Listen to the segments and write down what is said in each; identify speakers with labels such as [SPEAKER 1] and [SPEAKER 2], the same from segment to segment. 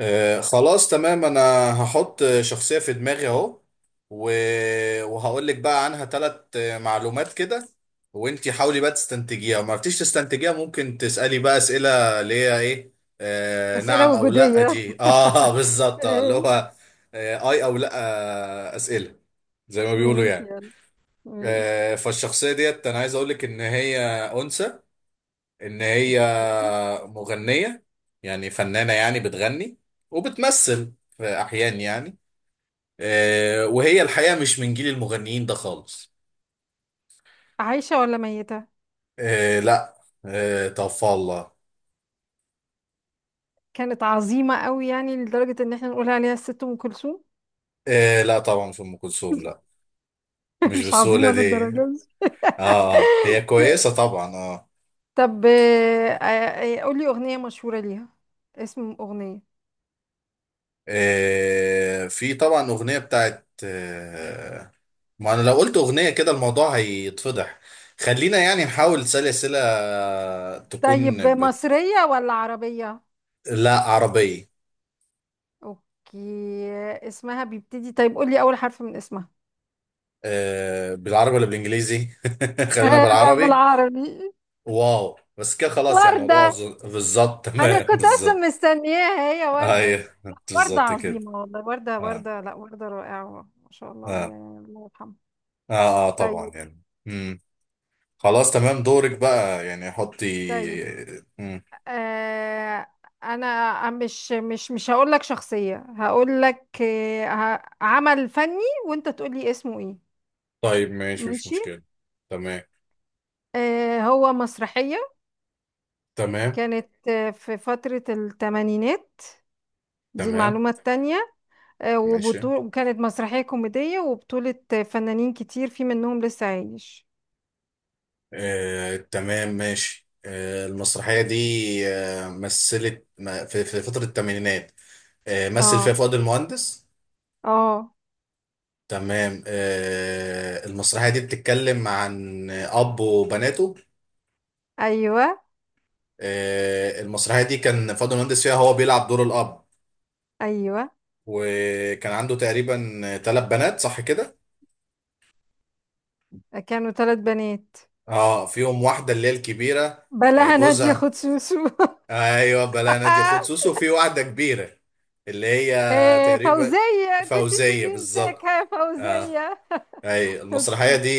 [SPEAKER 1] خلاص تمام. انا هحط شخصية في دماغي اهو و... وهقول لك بقى عنها ثلاث معلومات كده، وانتي حاولي بقى تستنتجيها، ما عرفتيش تستنتجيها ممكن تسألي بقى أسئلة اللي هي ايه،
[SPEAKER 2] أسئلة
[SPEAKER 1] نعم او لا
[SPEAKER 2] وجودية
[SPEAKER 1] دي اه بالظبط، اللي
[SPEAKER 2] ماشي.
[SPEAKER 1] هو اي او لا. أسئلة زي ما بيقولوا
[SPEAKER 2] ماشي،
[SPEAKER 1] يعني.
[SPEAKER 2] يلا. ماشي.
[SPEAKER 1] فالشخصية ديت انا عايز اقول لك ان هي أنثى، ان هي مغنية، يعني فنانة يعني بتغني وبتمثل في احيان يعني. وهي الحقيقة مش من جيل المغنيين ده خالص.
[SPEAKER 2] عايشة ولا ميتة؟
[SPEAKER 1] لا، توفى الله.
[SPEAKER 2] كانت عظيمة قوي يعني لدرجة ان احنا نقول عليها الست ام كلثوم.
[SPEAKER 1] لا طبعا مش ام كلثوم، لا. مش
[SPEAKER 2] مش
[SPEAKER 1] بالسهولة
[SPEAKER 2] عظيمة
[SPEAKER 1] دي اه.
[SPEAKER 2] للدرجة دي.
[SPEAKER 1] هي كويسة طبعا اه.
[SPEAKER 2] طب قولي أغنية مشهورة ليها، اسم أغنية.
[SPEAKER 1] في طبعا اغنية بتاعت ما انا لو قلت اغنية كده الموضوع هيتفضح. خلينا يعني نحاول سلسلة تكون.
[SPEAKER 2] طيب مصرية ولا عربية؟
[SPEAKER 1] لا عربية.
[SPEAKER 2] اوكي. اسمها بيبتدي، طيب قولي أول حرف من اسمها.
[SPEAKER 1] بالعربي ولا بالانجليزي؟ خلينا
[SPEAKER 2] لا،
[SPEAKER 1] بالعربي.
[SPEAKER 2] بالعربي.
[SPEAKER 1] واو، بس كده خلاص يعني الموضوع
[SPEAKER 2] وردة.
[SPEAKER 1] بالظبط.
[SPEAKER 2] انا
[SPEAKER 1] تمام
[SPEAKER 2] كنت اصلا
[SPEAKER 1] بالظبط.
[SPEAKER 2] مستنياها هي وردة.
[SPEAKER 1] ايوه
[SPEAKER 2] لا وردة
[SPEAKER 1] بالظبط كده.
[SPEAKER 2] عظيمة والله، وردة
[SPEAKER 1] اه.
[SPEAKER 2] وردة، لا وردة رائعة. ما شاء الله عليها
[SPEAKER 1] اه.
[SPEAKER 2] يعني، الله يرحمها.
[SPEAKER 1] اه, طبعا
[SPEAKER 2] طيب.
[SPEAKER 1] يعني خلاص تمام، دورك بقى يعني حطي.
[SPEAKER 2] طيب
[SPEAKER 1] مم.
[SPEAKER 2] آه، انا مش هقول لك شخصية، هقول لك عمل فني وانت تقول لي اسمه ايه.
[SPEAKER 1] طيب ماشي مش
[SPEAKER 2] ماشي.
[SPEAKER 1] مشكلة. تمام.
[SPEAKER 2] آه هو مسرحية،
[SPEAKER 1] تمام.
[SPEAKER 2] كانت آه في فترة الثمانينات، دي
[SPEAKER 1] تمام
[SPEAKER 2] المعلومة التانية. آه
[SPEAKER 1] ماشي.
[SPEAKER 2] وبطول، وكانت مسرحية كوميدية وبطولة فنانين كتير، في منهم لسه عايش.
[SPEAKER 1] تمام ماشي. المسرحية دي مثلت في فترة الثمانينات. مثل
[SPEAKER 2] اه.
[SPEAKER 1] فيها فؤاد المهندس.
[SPEAKER 2] اه.
[SPEAKER 1] تمام. المسرحية دي بتتكلم عن أب وبناته.
[SPEAKER 2] ايوه.
[SPEAKER 1] المسرحية دي كان فؤاد المهندس فيها هو بيلعب دور الأب.
[SPEAKER 2] ايوه.
[SPEAKER 1] وكان عنده تقريبا ثلاث بنات، صح كده؟
[SPEAKER 2] كانوا ثلاث بنات.
[SPEAKER 1] اه، فيهم واحدة اللي هي الكبيرة.
[SPEAKER 2] بلاها نادية
[SPEAKER 1] جوزها.
[SPEAKER 2] خد سوسو.
[SPEAKER 1] ايوه، بلا نادية خد سوسو، وفي واحدة كبيرة اللي هي
[SPEAKER 2] إيه
[SPEAKER 1] تقريبا
[SPEAKER 2] فوزية، كنت
[SPEAKER 1] فوزية
[SPEAKER 2] سيبيه
[SPEAKER 1] بالظبط.
[SPEAKER 2] مساكها يا
[SPEAKER 1] آه.
[SPEAKER 2] فوزية.
[SPEAKER 1] اي المسرحية
[SPEAKER 2] اوكي،
[SPEAKER 1] دي؟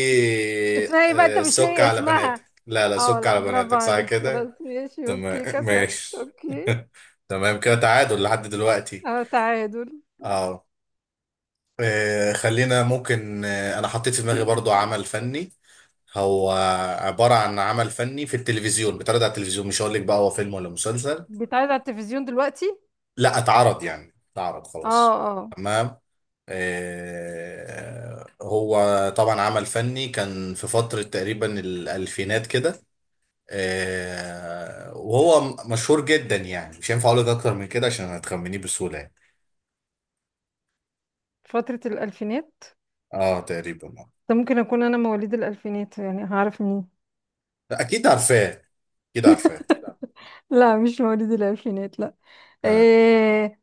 [SPEAKER 2] اسمها ايه بقى، انت مش
[SPEAKER 1] سك
[SPEAKER 2] لاقي
[SPEAKER 1] على بناتك،
[SPEAKER 2] اسمها؟
[SPEAKER 1] لا لا
[SPEAKER 2] اه،
[SPEAKER 1] سك
[SPEAKER 2] لا
[SPEAKER 1] على
[SPEAKER 2] برافو
[SPEAKER 1] بناتك صح
[SPEAKER 2] عليك.
[SPEAKER 1] كده.
[SPEAKER 2] خلاص ماشي، اوكي
[SPEAKER 1] تمام
[SPEAKER 2] كسبت.
[SPEAKER 1] ماشي.
[SPEAKER 2] اوكي.
[SPEAKER 1] تمام كده تعادل لحد دلوقتي.
[SPEAKER 2] اه تعادل.
[SPEAKER 1] اه. خلينا ممكن، انا حطيت في دماغي برضو عمل فني. هو عبارة عن عمل فني في التلفزيون، بيتعرض على التلفزيون، مش هقول لك بقى هو فيلم ولا مسلسل.
[SPEAKER 2] بيتعرض على التلفزيون دلوقتي؟
[SPEAKER 1] لا اتعرض، يعني اتعرض
[SPEAKER 2] اه.
[SPEAKER 1] خلاص.
[SPEAKER 2] اه.
[SPEAKER 1] تمام. هو طبعا عمل فني كان في فترة تقريبا الألفينات كده. وهو مشهور جدا، يعني مش هينفع اقول لك اكتر من كده عشان هتخمنيه بسهوله يعني.
[SPEAKER 2] فترة الألفينات؟
[SPEAKER 1] اه تقريبا اه.
[SPEAKER 2] ده ممكن أكون أنا مواليد الألفينات، يعني هعرف منين؟
[SPEAKER 1] لا، اكيد عارفاه، اكيد عارفاه.
[SPEAKER 2] لا مش مواليد الألفينات، لا.
[SPEAKER 1] آه.
[SPEAKER 2] إيه؟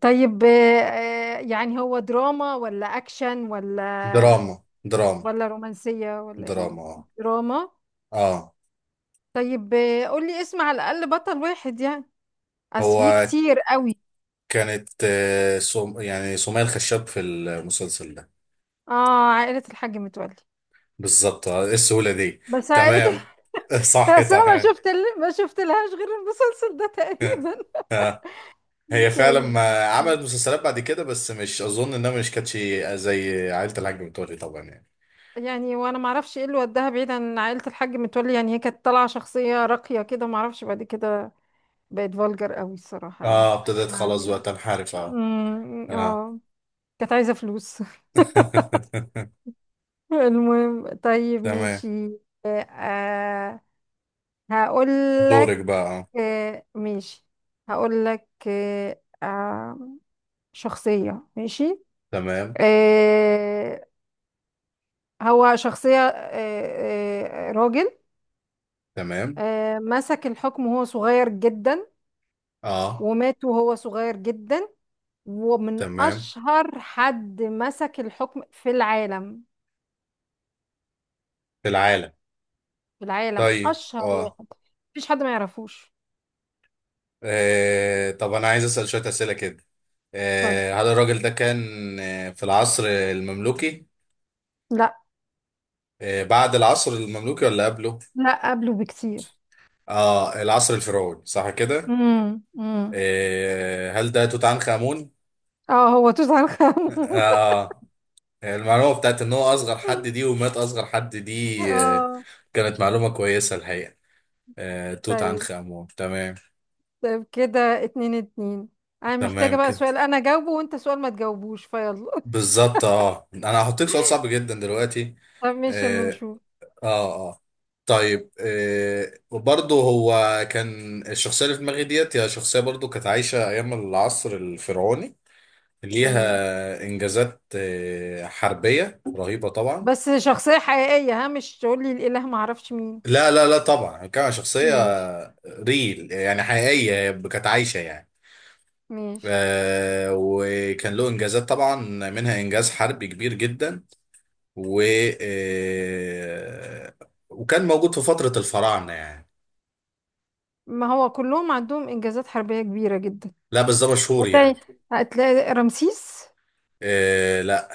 [SPEAKER 2] طيب آه، يعني هو دراما ولا أكشن ولا،
[SPEAKER 1] دراما. دراما.
[SPEAKER 2] ولا رومانسية ولا إيه؟
[SPEAKER 1] دراما اه.
[SPEAKER 2] دراما.
[SPEAKER 1] اه.
[SPEAKER 2] طيب آه، قولي اسم على الأقل بطل واحد يعني، أصل في
[SPEAKER 1] هو
[SPEAKER 2] كتير قوي.
[SPEAKER 1] كانت يعني سمية الخشاب في المسلسل ده.
[SPEAKER 2] آه عائلة الحاج متولي.
[SPEAKER 1] بالظبط، ايه السهوله دي؟
[SPEAKER 2] بس عائلة.
[SPEAKER 1] تمام. صح
[SPEAKER 2] بس أنا ما
[SPEAKER 1] تمام.
[SPEAKER 2] شفت، لهاش غير المسلسل ده تقريبا.
[SPEAKER 1] آه. هي فعلا
[SPEAKER 2] طيب.
[SPEAKER 1] ما عملت
[SPEAKER 2] أوكي.
[SPEAKER 1] مسلسلات بعد كده، بس مش اظن انها مش كانتش زي عائله الحاج متولي طبعا يعني.
[SPEAKER 2] يعني وانا ما اعرفش ايه اللي وداها بعيد عن عائلة الحاج متولي، يعني هي كانت طالعة شخصية راقية كده، ما اعرفش بعد كده بقت فولجر قوي الصراحة يعني
[SPEAKER 1] اه ابتديت
[SPEAKER 2] اسمها.
[SPEAKER 1] خلاص بقى تنحرف اه.
[SPEAKER 2] مم،
[SPEAKER 1] اه.
[SPEAKER 2] اه. كانت عايزة فلوس. المهم، طيب
[SPEAKER 1] تمام
[SPEAKER 2] ماشي. آه، هقول
[SPEAKER 1] دورك
[SPEAKER 2] لك.
[SPEAKER 1] بقى اه.
[SPEAKER 2] آه ماشي، هقول لك آه، شخصية. ماشي.
[SPEAKER 1] تمام.
[SPEAKER 2] آه هو شخصية راجل،
[SPEAKER 1] تمام.
[SPEAKER 2] آه مسك الحكم وهو صغير جدا
[SPEAKER 1] اه.
[SPEAKER 2] ومات وهو صغير جدا، ومن
[SPEAKER 1] تمام.
[SPEAKER 2] أشهر حد مسك الحكم في العالم.
[SPEAKER 1] في العالم.
[SPEAKER 2] في العالم؟
[SPEAKER 1] طيب
[SPEAKER 2] أشهر
[SPEAKER 1] اه،
[SPEAKER 2] واحد، مفيش حد ما يعرفوش.
[SPEAKER 1] طب انا عايز اسال شويه اسئله كده.
[SPEAKER 2] اتفضل.
[SPEAKER 1] هل الراجل ده كان في العصر المملوكي؟
[SPEAKER 2] لا.
[SPEAKER 1] بعد العصر المملوكي ولا قبله؟
[SPEAKER 2] لا قبله بكتير.
[SPEAKER 1] اه العصر الفرعوني صح كده.
[SPEAKER 2] امم، امم.
[SPEAKER 1] هل ده توت عنخ امون؟
[SPEAKER 2] اه هو توت عنخ آمون.
[SPEAKER 1] اه. المعلومة بتاعت ان هو اصغر حد دي ومات اصغر حد دي
[SPEAKER 2] اه.
[SPEAKER 1] كانت معلومة كويسة الحقيقة. توت
[SPEAKER 2] طيب.
[SPEAKER 1] عنخ امون تمام.
[SPEAKER 2] طيب كده اتنين اتنين، انا
[SPEAKER 1] تمام
[SPEAKER 2] محتاجة بقى
[SPEAKER 1] كده.
[SPEAKER 2] سؤال انا جاوبه وانت سؤال ما تجاوبوش فيلا.
[SPEAKER 1] بالظبط اه، انا هحطيك سؤال صعب جدا دلوقتي.
[SPEAKER 2] طب ماشي، اما
[SPEAKER 1] اه.
[SPEAKER 2] نشوف.
[SPEAKER 1] اه. آه. طيب برضه هو كان الشخصية اللي في دماغي ديت هي شخصية برضه كانت عايشة ايام العصر الفرعوني،
[SPEAKER 2] تمام.
[SPEAKER 1] ليها انجازات حربية رهيبة طبعا.
[SPEAKER 2] بس شخصية حقيقية، ها، مش تقول لي الاله ما اعرفش مين.
[SPEAKER 1] لا لا لا طبعا كان شخصية
[SPEAKER 2] ماشي.
[SPEAKER 1] ريل يعني حقيقية كانت عايشة يعني.
[SPEAKER 2] ماشي.
[SPEAKER 1] وكان له إنجازات طبعا، منها إنجاز حربي كبير جدا، و آه وكان موجود في فترة الفراعنة يعني.
[SPEAKER 2] ما هو كلهم عندهم انجازات حربية كبيرة جدا.
[SPEAKER 1] لا بس ده مشهور
[SPEAKER 2] وتاني،
[SPEAKER 1] يعني.
[SPEAKER 2] هتلاقي رمسيس.
[SPEAKER 1] لا.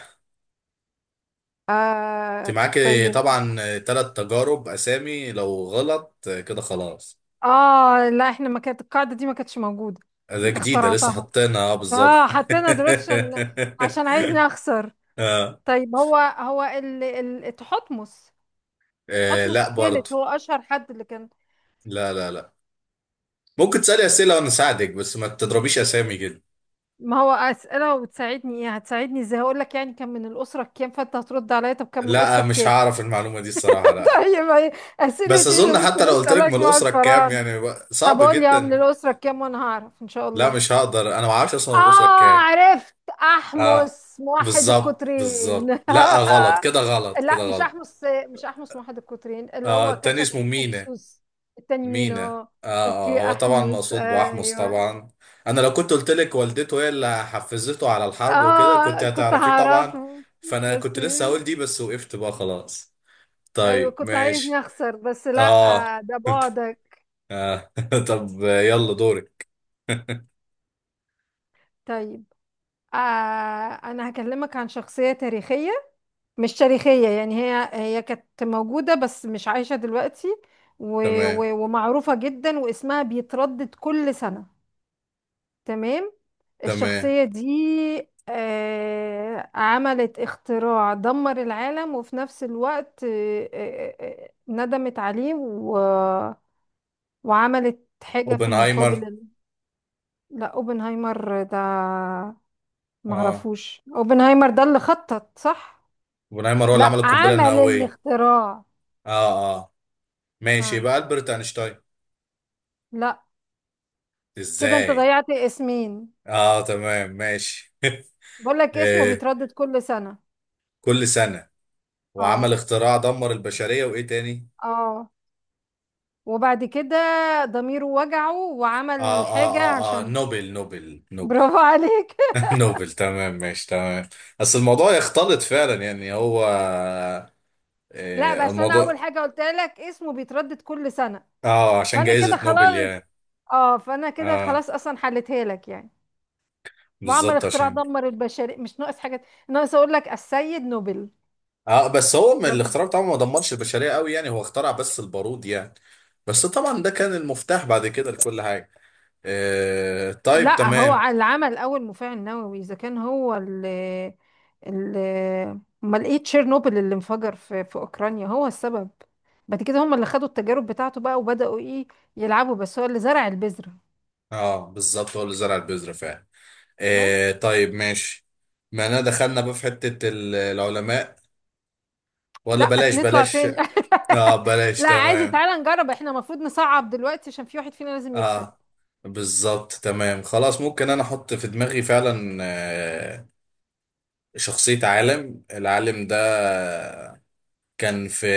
[SPEAKER 1] انت
[SPEAKER 2] آه.
[SPEAKER 1] معاك
[SPEAKER 2] طيب.
[SPEAKER 1] طبعا ثلاث تجارب أسامي لو غلط كده خلاص.
[SPEAKER 2] اه لا، احنا ما كانت القاعدة دي، ما كانتش موجودة.
[SPEAKER 1] ده
[SPEAKER 2] انت
[SPEAKER 1] جديدة لسه
[SPEAKER 2] اخترعتها،
[SPEAKER 1] حاطينها بالظبط.
[SPEAKER 2] اه حطينا دلوقتي عشان، عشان عايزني اخسر.
[SPEAKER 1] آه.
[SPEAKER 2] طيب هو هو تحتمس.
[SPEAKER 1] آه
[SPEAKER 2] تحتمس
[SPEAKER 1] لا برضه.
[SPEAKER 2] الثالث هو اشهر حد اللي كان.
[SPEAKER 1] لا. ممكن تسألي أسئلة وأنا أساعدك، بس ما تضربيش أسامي جدا.
[SPEAKER 2] ما هو اسئله وتساعدني، ايه هتساعدني ازاي؟ هقول لك يعني كان من الاسره كام، فانت هترد عليا طب كان من الاسره
[SPEAKER 1] لا مش
[SPEAKER 2] كام.
[SPEAKER 1] هعرف المعلومة دي الصراحة، لا.
[SPEAKER 2] طيب ايه
[SPEAKER 1] بس
[SPEAKER 2] اسئله ايه اللي
[SPEAKER 1] أظن
[SPEAKER 2] ممكن
[SPEAKER 1] حتى لو قلت لك
[SPEAKER 2] اسالك
[SPEAKER 1] من
[SPEAKER 2] مع
[SPEAKER 1] الأسرة كام
[SPEAKER 2] الفراعنه؟
[SPEAKER 1] يعني
[SPEAKER 2] طب
[SPEAKER 1] صعب
[SPEAKER 2] قول لي اه من
[SPEAKER 1] جدا.
[SPEAKER 2] الاسره كام وانا هعرف ان شاء
[SPEAKER 1] لا
[SPEAKER 2] الله.
[SPEAKER 1] مش هقدر، أنا ما أعرفش أصلا من الأسرة
[SPEAKER 2] اه،
[SPEAKER 1] كام.
[SPEAKER 2] عرفت.
[SPEAKER 1] أه
[SPEAKER 2] احمس موحد
[SPEAKER 1] بالظبط بالظبط،
[SPEAKER 2] القطرين.
[SPEAKER 1] لا غلط كده غلط كده
[SPEAKER 2] لا مش
[SPEAKER 1] غلط.
[SPEAKER 2] احمس، مش احمس موحد القطرين اللي
[SPEAKER 1] أه
[SPEAKER 2] هو
[SPEAKER 1] التاني
[SPEAKER 2] كسب
[SPEAKER 1] اسمه مينا.
[SPEAKER 2] الاكسوس. التاني مين؟
[SPEAKER 1] مينا
[SPEAKER 2] اه.
[SPEAKER 1] أه،
[SPEAKER 2] اوكي
[SPEAKER 1] هو طبعا
[SPEAKER 2] احمس،
[SPEAKER 1] مقصود بأحمص
[SPEAKER 2] ايوه.
[SPEAKER 1] طبعا. أنا لو كنت قلت لك والدته هي اللي حفزته على الحرب وكده كنت
[SPEAKER 2] اه كنت
[SPEAKER 1] هتعرفيه طبعا.
[SPEAKER 2] هعرفه.
[SPEAKER 1] فأنا
[SPEAKER 2] بس.
[SPEAKER 1] كنت لسه هقول دي بس وقفت بقى خلاص.
[SPEAKER 2] ايوه
[SPEAKER 1] طيب
[SPEAKER 2] كنت عايزني
[SPEAKER 1] ماشي.
[SPEAKER 2] اخسر، بس لا.
[SPEAKER 1] اه.
[SPEAKER 2] آه، ده بعدك.
[SPEAKER 1] آه. طب يلا دورك.
[SPEAKER 2] طيب آه، انا هكلمك عن شخصية تاريخية. مش تاريخية يعني هي، هي كانت موجودة بس مش عايشة دلوقتي، و...
[SPEAKER 1] تمام.
[SPEAKER 2] ومعروفة جدا واسمها بيتردد كل سنة. تمام.
[SPEAKER 1] تمام.
[SPEAKER 2] الشخصية دي عملت اختراع دمر العالم، وفي نفس الوقت ندمت عليه، و... وعملت حاجة في
[SPEAKER 1] اوبنهايمر.
[SPEAKER 2] المقابل. لا اوبنهايمر ده،
[SPEAKER 1] اه
[SPEAKER 2] معرفوش اوبنهايمر ده اللي خطط، صح؟
[SPEAKER 1] اوبنهايمر هو اللي عمل
[SPEAKER 2] لا
[SPEAKER 1] القنبله
[SPEAKER 2] عمل
[SPEAKER 1] النوويه.
[SPEAKER 2] الاختراع.
[SPEAKER 1] اه اه ماشي،
[SPEAKER 2] ها.
[SPEAKER 1] يبقى البرت اينشتاين.
[SPEAKER 2] لا كده انت
[SPEAKER 1] ازاي؟
[SPEAKER 2] ضيعت اسمين.
[SPEAKER 1] اه تمام ماشي.
[SPEAKER 2] بقول لك اسمه
[SPEAKER 1] آه.
[SPEAKER 2] بيتردد كل سنة.
[SPEAKER 1] كل سنه وعمل
[SPEAKER 2] اه.
[SPEAKER 1] اختراع دمر البشريه، وايه تاني؟
[SPEAKER 2] اه، وبعد كده ضميره وجعه وعمل
[SPEAKER 1] اه.
[SPEAKER 2] حاجة
[SPEAKER 1] اه. اه اه
[SPEAKER 2] عشان.
[SPEAKER 1] نوبل نوبل نوبل.
[SPEAKER 2] برافو عليك.
[SPEAKER 1] نوبل تمام ماشي تمام. بس الموضوع يختلط فعلا يعني هو
[SPEAKER 2] لا بس انا اول
[SPEAKER 1] الموضوع.
[SPEAKER 2] حاجة قلت لك اسمه بيتردد كل سنة،
[SPEAKER 1] اه عشان
[SPEAKER 2] فانا كده
[SPEAKER 1] جائزة نوبل
[SPEAKER 2] خلاص.
[SPEAKER 1] يعني.
[SPEAKER 2] اه فانا كده
[SPEAKER 1] اه
[SPEAKER 2] خلاص، اصلا حلتها لك يعني. وعمل
[SPEAKER 1] بالظبط
[SPEAKER 2] اختراع
[SPEAKER 1] عشان
[SPEAKER 2] دمر البشرية، مش ناقص حاجة ناقص اقول لك السيد نوبل.
[SPEAKER 1] اه. بس هو من الاختراع بتاعه ما دمرش البشرية قوي يعني، هو اخترع بس البارود يعني، بس طبعا ده كان المفتاح بعد كده لكل حاجة. طيب
[SPEAKER 2] لا هو
[SPEAKER 1] تمام.
[SPEAKER 2] اللي عمل اول مفاعل نووي، اذا كان هو اللي، اللي، امال ايه تشيرنوبل اللي انفجر في اوكرانيا هو السبب. بعد كده هم اللي خدوا التجارب بتاعته بقى وبداوا ايه يلعبوا، بس هو اللي زرع البذره.
[SPEAKER 1] اه بالظبط هو اللي زرع البذرة فعلا.
[SPEAKER 2] بقى.
[SPEAKER 1] طيب ماشي. ما انا دخلنا بقى في حتة العلماء ولا
[SPEAKER 2] لا نطلع
[SPEAKER 1] بلاش.
[SPEAKER 2] تاني.
[SPEAKER 1] اه بلاش
[SPEAKER 2] لا عادي،
[SPEAKER 1] تمام.
[SPEAKER 2] تعالى نجرب، احنا المفروض نصعب دلوقتي عشان في واحد فينا لازم يكسب.
[SPEAKER 1] اه بالظبط تمام خلاص. ممكن انا احط في دماغي فعلا شخصية عالم. العالم ده كان في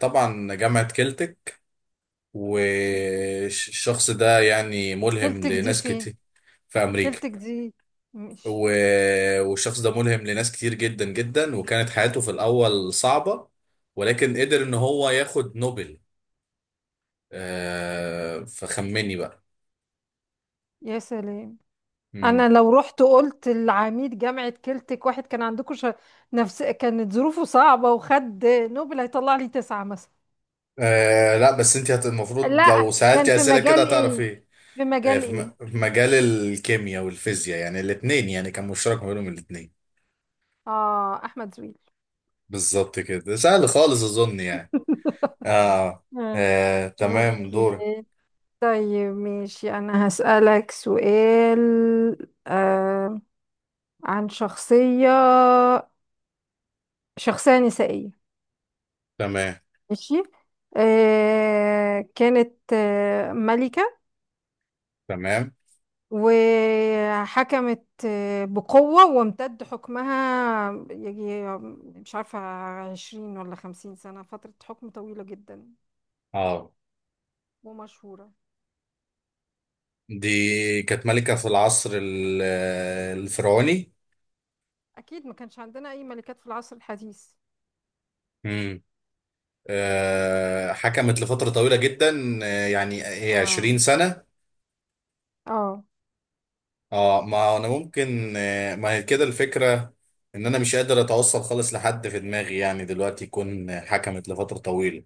[SPEAKER 1] طبعا جامعة كلتك،
[SPEAKER 2] كلتك؟
[SPEAKER 1] والشخص ده يعني ملهم
[SPEAKER 2] كلتك دي
[SPEAKER 1] لناس
[SPEAKER 2] فين؟
[SPEAKER 1] كتير في أمريكا.
[SPEAKER 2] كلتك دي. ماشي.
[SPEAKER 1] والشخص ده ملهم لناس كتير جدا جدا، وكانت حياته في الأول صعبة ولكن قدر إن هو ياخد نوبل. فخمني بقى.
[SPEAKER 2] يا سلام.
[SPEAKER 1] مم.
[SPEAKER 2] انا لو رحت قلت لعميد جامعة كلتك واحد كان عندكم نفس كانت ظروفه صعبة وخد نوبل، هيطلع لي تسعة مثلا.
[SPEAKER 1] آه لا بس أنت المفروض
[SPEAKER 2] لا
[SPEAKER 1] لو
[SPEAKER 2] كان
[SPEAKER 1] سألتي
[SPEAKER 2] في
[SPEAKER 1] أسئلة كده
[SPEAKER 2] مجال
[SPEAKER 1] هتعرف
[SPEAKER 2] ايه؟
[SPEAKER 1] إيه.
[SPEAKER 2] في مجال
[SPEAKER 1] في
[SPEAKER 2] ايه؟
[SPEAKER 1] في مجال الكيمياء والفيزياء يعني الاتنين، يعني كان مشترك ما بينهم الاتنين.
[SPEAKER 2] اه احمد زويل.
[SPEAKER 1] بالظبط كده، سهل خالص أظن يعني. آه.
[SPEAKER 2] آه.
[SPEAKER 1] تمام
[SPEAKER 2] اوكي،
[SPEAKER 1] دوري.
[SPEAKER 2] طيب ماشي، انا هسألك سؤال آه عن شخصية، شخصية نسائية.
[SPEAKER 1] تمام.
[SPEAKER 2] ماشي. آه كانت آه ملكة،
[SPEAKER 1] تمام.
[SPEAKER 2] وحكمت بقوة وامتد حكمها يجي، مش عارفة، 20 ولا 50 سنة، فترة حكم طويلة جدا،
[SPEAKER 1] اه.
[SPEAKER 2] ومشهورة.
[SPEAKER 1] دي كانت ملكة في العصر الفرعوني.
[SPEAKER 2] أكيد ما كانش عندنا أي ملكات في العصر الحديث.
[SPEAKER 1] امم. حكمت لفترة طويلة جدا، يعني هي 20
[SPEAKER 2] اه.
[SPEAKER 1] سنة.
[SPEAKER 2] اه.
[SPEAKER 1] اه ما هو انا ممكن ما هي كده الفكرة، ان انا مش قادر اتوصل خالص لحد في دماغي يعني دلوقتي يكون حكمت لفترة طويلة.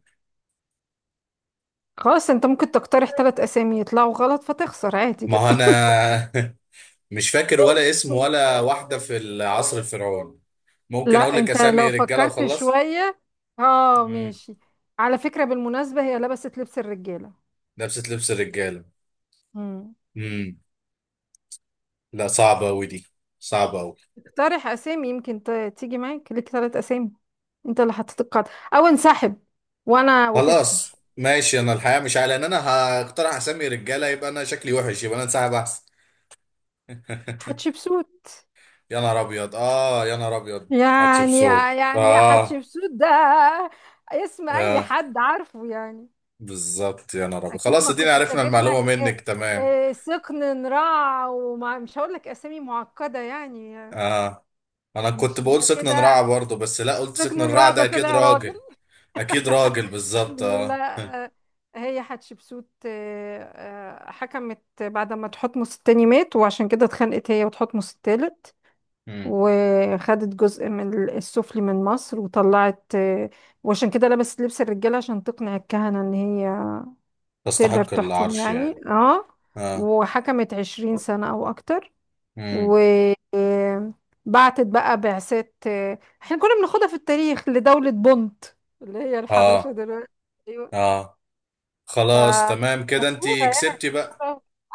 [SPEAKER 2] خلاص، انت ممكن تقترح ثلاث أسامي يطلعوا غلط فتخسر عادي
[SPEAKER 1] ما هو
[SPEAKER 2] جدا.
[SPEAKER 1] انا مش فاكر ولا اسم ولا واحدة في العصر الفرعوني. ممكن اقول
[SPEAKER 2] لا
[SPEAKER 1] لك
[SPEAKER 2] انت
[SPEAKER 1] اسامي
[SPEAKER 2] لو
[SPEAKER 1] رجالة
[SPEAKER 2] فكرت
[SPEAKER 1] وخلاص.
[SPEAKER 2] شوية، اه
[SPEAKER 1] مم.
[SPEAKER 2] ماشي. على فكرة بالمناسبة هي لبست لبس الرجالة.
[SPEAKER 1] نفس لبس الرجاله.
[SPEAKER 2] مم.
[SPEAKER 1] امم. لا صعبه قوي دي، صعبه قوي.
[SPEAKER 2] اقترح أسامي، يمكن تيجي معاك، ليك ثلاث أسامي، انت اللي حطيت القاعدة او انسحب، وانا، وتخسر.
[SPEAKER 1] خلاص ماشي، انا الحقيقه مش عارف، لان انا هقترح اسمي رجاله يبقى انا شكلي وحش، يبقى انا انسحب احسن.
[SPEAKER 2] حتشبسوت.
[SPEAKER 1] يا نهار ابيض اه يا نهار ابيض.
[SPEAKER 2] يعني
[SPEAKER 1] هتشبسوت
[SPEAKER 2] يعني
[SPEAKER 1] اه.
[SPEAKER 2] حتشبسوت ده اسم اي
[SPEAKER 1] اه
[SPEAKER 2] حد عارفه يعني.
[SPEAKER 1] بالظبط يا نهار ابيض،
[SPEAKER 2] اكيد
[SPEAKER 1] خلاص
[SPEAKER 2] ما
[SPEAKER 1] ادينا
[SPEAKER 2] كنتش
[SPEAKER 1] عرفنا
[SPEAKER 2] اجيب
[SPEAKER 1] المعلومه
[SPEAKER 2] لك
[SPEAKER 1] منك تمام.
[SPEAKER 2] آه، سقن نراع وما، مش هقول لك اسامي معقدة يعني.
[SPEAKER 1] اه انا كنت
[SPEAKER 2] ماشي
[SPEAKER 1] بقول
[SPEAKER 2] يبقى
[SPEAKER 1] سكن الرعا
[SPEAKER 2] كده،
[SPEAKER 1] برضه، بس لا قلت
[SPEAKER 2] سقن
[SPEAKER 1] سكن الرعا
[SPEAKER 2] نراع
[SPEAKER 1] ده
[SPEAKER 2] ده
[SPEAKER 1] اكيد
[SPEAKER 2] طلع راجل.
[SPEAKER 1] راجل. اكيد راجل بالظبط اه.
[SPEAKER 2] لا آه، هي حتشبسوت، آه، حكمت بعد ما تحتمس التاني مات، وعشان كده اتخانقت هي وتحتمس التالت
[SPEAKER 1] مم.
[SPEAKER 2] وخدت جزء من السفلي من مصر وطلعت. وعشان كده لبست لبس الرجالة عشان تقنع الكهنة ان هي تقدر
[SPEAKER 1] تستحق
[SPEAKER 2] تحكم
[SPEAKER 1] العرش
[SPEAKER 2] يعني،
[SPEAKER 1] يعني.
[SPEAKER 2] اه.
[SPEAKER 1] اه.
[SPEAKER 2] وحكمت 20 سنة او اكتر،
[SPEAKER 1] مم.
[SPEAKER 2] و، بعتت بقى بعثات احنا كنا بناخدها في التاريخ لدولة بونت، اللي هي الحبشة
[SPEAKER 1] اه.
[SPEAKER 2] دلوقتي. ايوه.
[SPEAKER 1] اه خلاص تمام كده انتي
[SPEAKER 2] فمشهورة،
[SPEAKER 1] كسبتي بقى.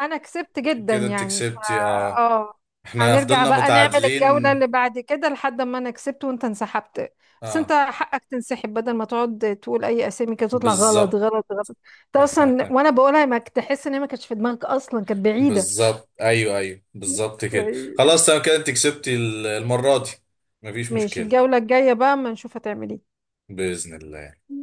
[SPEAKER 2] انا كسبت جدا
[SPEAKER 1] كده انتي
[SPEAKER 2] يعني ف.
[SPEAKER 1] كسبتي اه.
[SPEAKER 2] اه.
[SPEAKER 1] احنا
[SPEAKER 2] هنرجع
[SPEAKER 1] فضلنا
[SPEAKER 2] بقى نعمل الجولة
[SPEAKER 1] متعادلين.
[SPEAKER 2] اللي بعد كده، لحد ما انا كسبت وانت انسحبت. بس انت
[SPEAKER 1] اه
[SPEAKER 2] حقك تنسحب بدل ما تقعد تقول اي اسامي كده تطلع غلط
[SPEAKER 1] بالظبط.
[SPEAKER 2] غلط غلط. انت اصلا وانا بقولها ما كنت تحس ان هي ما كانتش في دماغك اصلا، كانت بعيدة.
[SPEAKER 1] بالظبط ايوه ايوه بالظبط كده،
[SPEAKER 2] طيب.
[SPEAKER 1] خلاص تمام كده انتي كسبتي المرة دي. مفيش
[SPEAKER 2] ماشي
[SPEAKER 1] مشكلة.
[SPEAKER 2] الجولة الجاية بقى، ما نشوف هتعمل ايه.
[SPEAKER 1] بإذن الله.